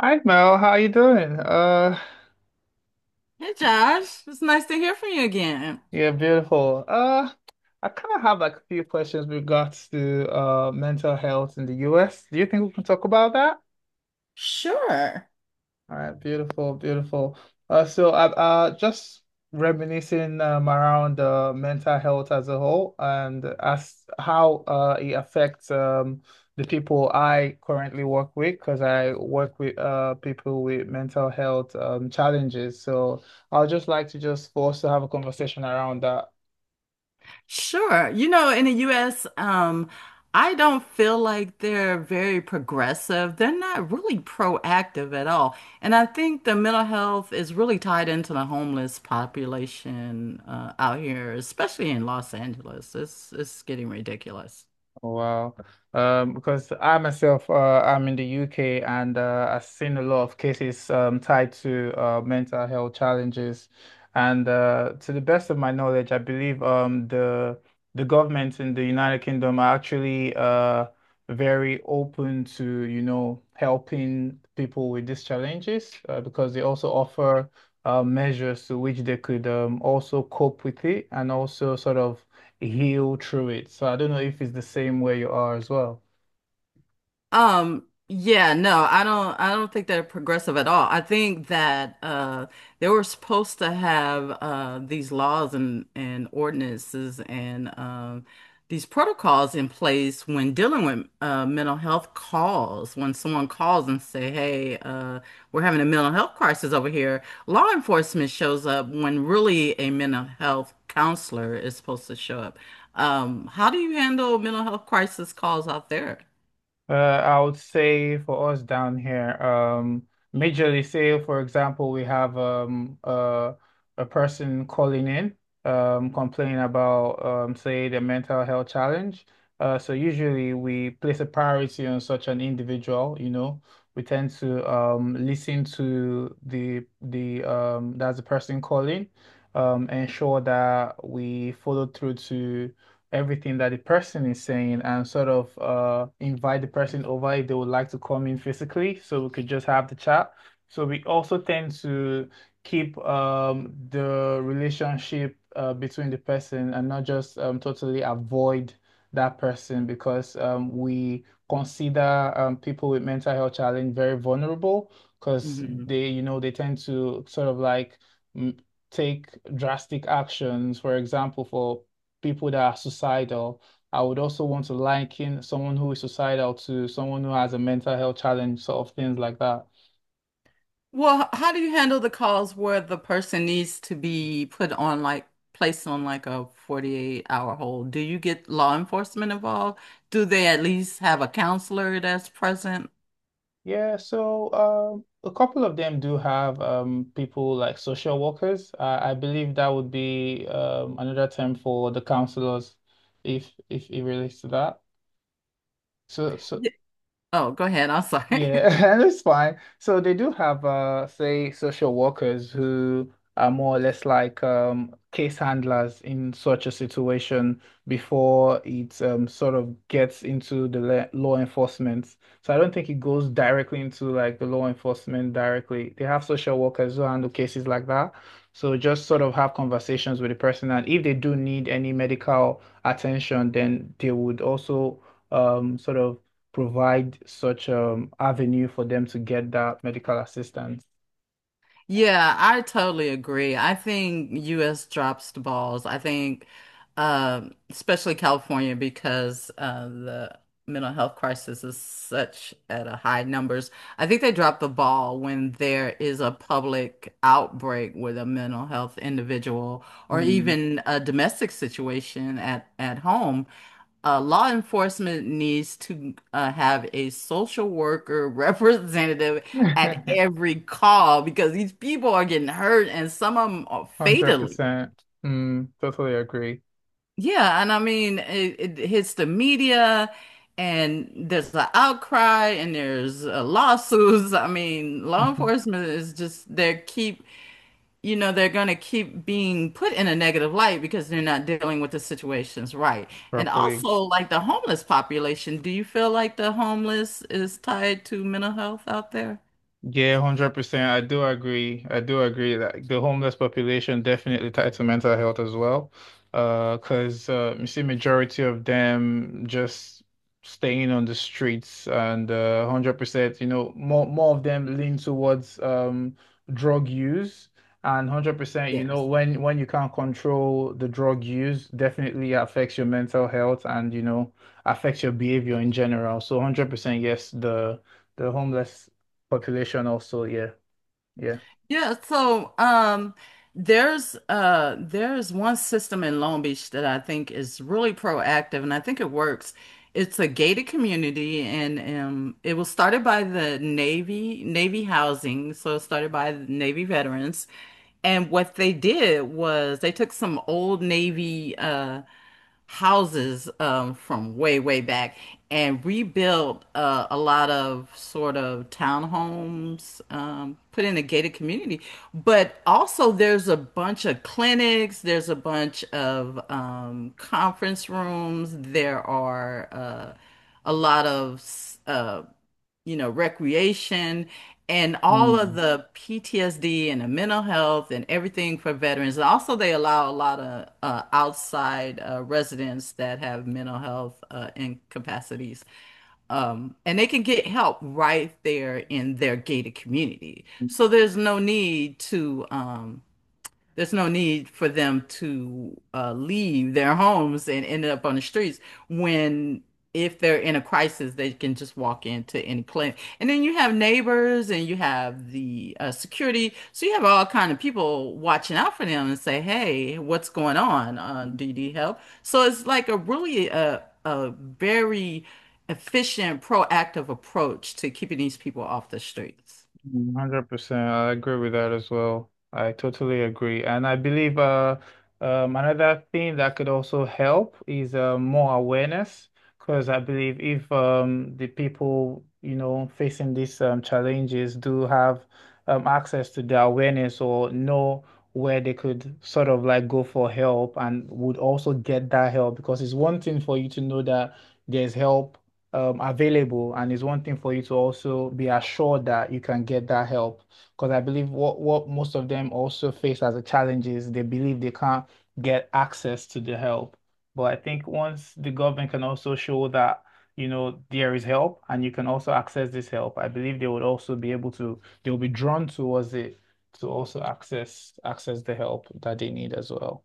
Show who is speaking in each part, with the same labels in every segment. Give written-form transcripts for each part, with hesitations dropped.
Speaker 1: Hi Mel, how you doing?
Speaker 2: Hey Josh, it's nice to hear from you again.
Speaker 1: Yeah, beautiful. I kind of have like a few questions with regards to mental health in the US. Do you think we can talk about that?
Speaker 2: Sure.
Speaker 1: All right, beautiful, beautiful. So I just reminiscing around mental health as a whole and as how it affects the people I currently work with because I work with people with mental health challenges. So I'll just like to just for us to have a conversation around that.
Speaker 2: Sure. You know, in the US, I don't feel like they're very progressive. They're not really proactive at all. And I think the mental health is really tied into the homeless population out here, especially in Los Angeles. It's getting ridiculous.
Speaker 1: Oh, wow. Because I myself, I'm in the UK and I've seen a lot of cases tied to mental health challenges. And to the best of my knowledge, I believe the government in the United Kingdom are actually very open to, you know, helping people with these challenges because they also offer measures to which they could also cope with it and also sort of heal through it. So I don't know if it's the same where you are as well.
Speaker 2: Yeah, no, I don't think they're progressive at all. I think that they were supposed to have these laws and ordinances and these protocols in place when dealing with mental health calls. When someone calls and say, "Hey, we're having a mental health crisis over here." Law enforcement shows up when really a mental health counselor is supposed to show up. How do you handle mental health crisis calls out there?
Speaker 1: I would say for us down here, majorly say for example we have a person calling in complaining about say the mental health challenge. So usually we place a priority on such an individual, you know. We tend to listen to the, that's the person calling, ensure that we follow through to everything that the person is saying and sort of invite the person over if they would like to come in physically so we could just have the chat. So we also tend to keep the relationship between the person and not just totally avoid that person because we consider people with mental health challenge very vulnerable because
Speaker 2: Mhm.
Speaker 1: they, you know, they tend to sort of like mm, take drastic actions. For example, for people that are suicidal. I would also want to liken someone who is suicidal to someone who has a mental health challenge, sort of things like that.
Speaker 2: Well, how do you handle the calls where the person needs to be put on placed on like a 48-hour hold? Do you get law enforcement involved? Do they at least have a counselor that's present?
Speaker 1: Yeah, so a couple of them do have people like social workers. I believe that would be another term for the counselors, if it relates to that. So, so
Speaker 2: Y- Oh, go ahead. I'm sorry.
Speaker 1: Yeah, and it's fine. So they do have say social workers who are more or less like case handlers in such a situation before it sort of gets into the law enforcement. So I don't think it goes directly into like the law enforcement directly. They have social workers who handle cases like that. So just sort of have conversations with the person and if they do need any medical attention, then they would also sort of provide such avenue for them to get that medical assistance.
Speaker 2: Yeah, I totally agree. I think US drops the balls. I think especially California because the mental health crisis is such at a high numbers. I think they drop the ball when there is a public outbreak with a mental health individual or
Speaker 1: Mm.
Speaker 2: even a domestic situation at home, law enforcement needs to have a social worker representative at every call because these people are getting hurt and some of them are fatally.
Speaker 1: 100%. Mm, totally agree.
Speaker 2: Yeah, and I mean, it hits the media and there's an outcry and there's lawsuits. I mean, law enforcement is just they keep, you know, they're going to keep being put in a negative light because they're not dealing with the situations right. And
Speaker 1: Properly.
Speaker 2: also, like the homeless population, do you feel like the homeless is tied to mental health out there?
Speaker 1: Yeah, 100%. I do agree. I do agree that the homeless population definitely tied to mental health as well. 'Cause you see majority of them just staying on the streets and 100%, you know, more of them lean towards drug use and 100%, you know,
Speaker 2: Yes.
Speaker 1: when you can't control the drug use, definitely affects your mental health and, you know, affects your behavior in general. So 100% yes, the homeless population also, yeah, yeah.
Speaker 2: Yeah, so there's one system in Long Beach that I think is really proactive and I think it works. It's a gated community, and it was started by the Navy, Navy housing, so it started by the Navy veterans. And what they did was they took some old Navy houses from way, way back and rebuilt a lot of sort of townhomes, put in a gated community. But also, there's a bunch of clinics, there's a bunch of conference rooms, there are a lot of you know, recreation and all of
Speaker 1: Mm,
Speaker 2: the PTSD and the mental health and everything for veterans. And also, they allow a lot of outside residents that have mental health incapacities. And they can get help right there in their gated community. So there's no need to there's no need for them to leave their homes and end up on the streets when, if they're in a crisis, they can just walk into any clinic. And then you have neighbors and you have the security. So you have all kind of people watching out for them and say, hey, what's going on? Do you need help? So it's like a really a very efficient, proactive approach to keeping these people off the streets.
Speaker 1: 100%. I agree with that as well. I totally agree. And I believe another thing that could also help is more awareness. Because I believe if the people, you know, facing these challenges do have access to the awareness or know where they could sort of like go for help and would also get that help. Because it's one thing for you to know that there's help available and it's one thing for you to also be assured that you can get that help because I believe what most of them also face as a challenge is they believe they can't get access to the help, but I think once the government can also show that, you know, there is help and you can also access this help, I believe they would also be able to, they'll be drawn towards it to also access the help that they need as well.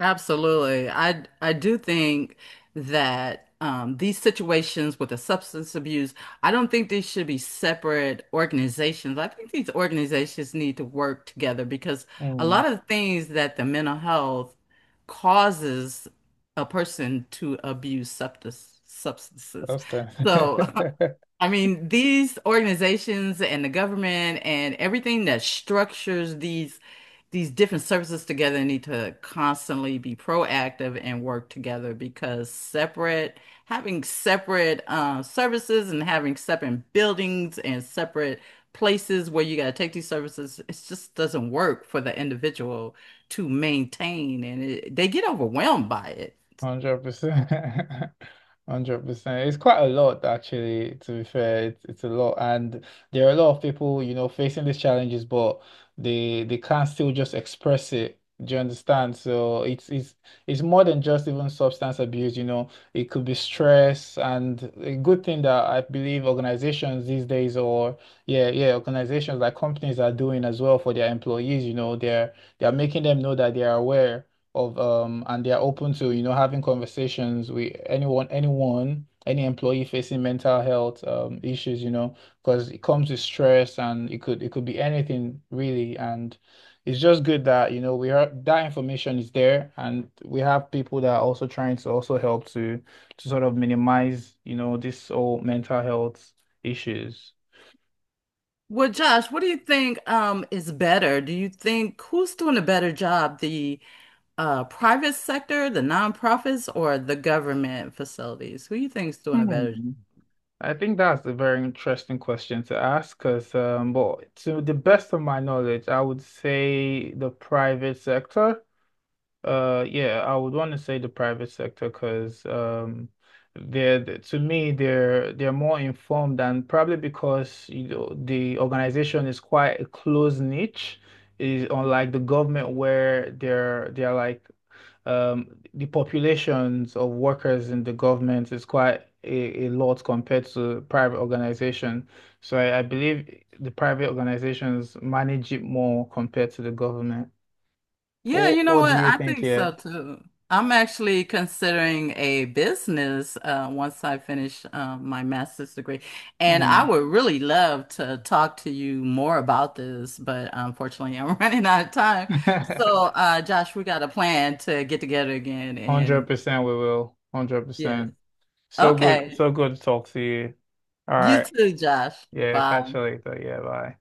Speaker 2: Absolutely. I do think that these situations with the substance abuse, I don't think these should be separate organizations. I think these organizations need to work together because a
Speaker 1: Hmm,
Speaker 2: lot of the things that the mental health causes a person to abuse substances.
Speaker 1: Costa.
Speaker 2: So, I mean, these organizations and the government and everything that structures these different services together need to constantly be proactive and work together because separate, having separate services and having separate buildings and separate places where you got to take these services, it just doesn't work for the individual to maintain and it, they get overwhelmed by it.
Speaker 1: 100%, 100%. It's quite a lot, actually. To be fair, it's a lot, and there are a lot of people, you know, facing these challenges, but they can't still just express it. Do you understand? So it's more than just even substance abuse. You know, it could be stress, and a good thing that I believe organizations these days, or yeah, yeah, organizations like companies are doing as well for their employees. You know, they're making them know that they are aware of and they are open to, you know, having conversations with anyone, any employee facing mental health issues, you know, because it comes with stress and it could be anything really, and it's just good that, you know, we are, that information is there and we have people that are also trying to also help to sort of minimize, you know, this whole mental health issues.
Speaker 2: Well, Josh, what do you think is better? Do you think who's doing a better job, the private sector, the nonprofits, or the government facilities? Who you think's doing a better?
Speaker 1: Hmm. I think that's a very interesting question to ask because, but to the best of my knowledge, I would say the private sector. Yeah, I would want to say the private sector because, to me they're more informed and probably because, you know, the organization is quite a close niche, is unlike the government where they're like um, the populations of workers in the government is quite a lot compared to private organization. So I believe the private organizations manage it more compared to the government.
Speaker 2: Yeah, you know
Speaker 1: What do
Speaker 2: what?
Speaker 1: you
Speaker 2: I
Speaker 1: think
Speaker 2: think so
Speaker 1: here?
Speaker 2: too. I'm actually considering a business once I finish my master's degree, and I
Speaker 1: Hmm.
Speaker 2: would really love to talk to you more about this, but unfortunately, I'm running out of time. So, Josh, we got a plan to get together again, and
Speaker 1: 100% we will.
Speaker 2: yes,
Speaker 1: 100%. So okay, good.
Speaker 2: okay.
Speaker 1: So good to talk to you. All
Speaker 2: You
Speaker 1: right.
Speaker 2: too, Josh.
Speaker 1: Yeah, catch
Speaker 2: Bye.
Speaker 1: you later. Yeah, bye.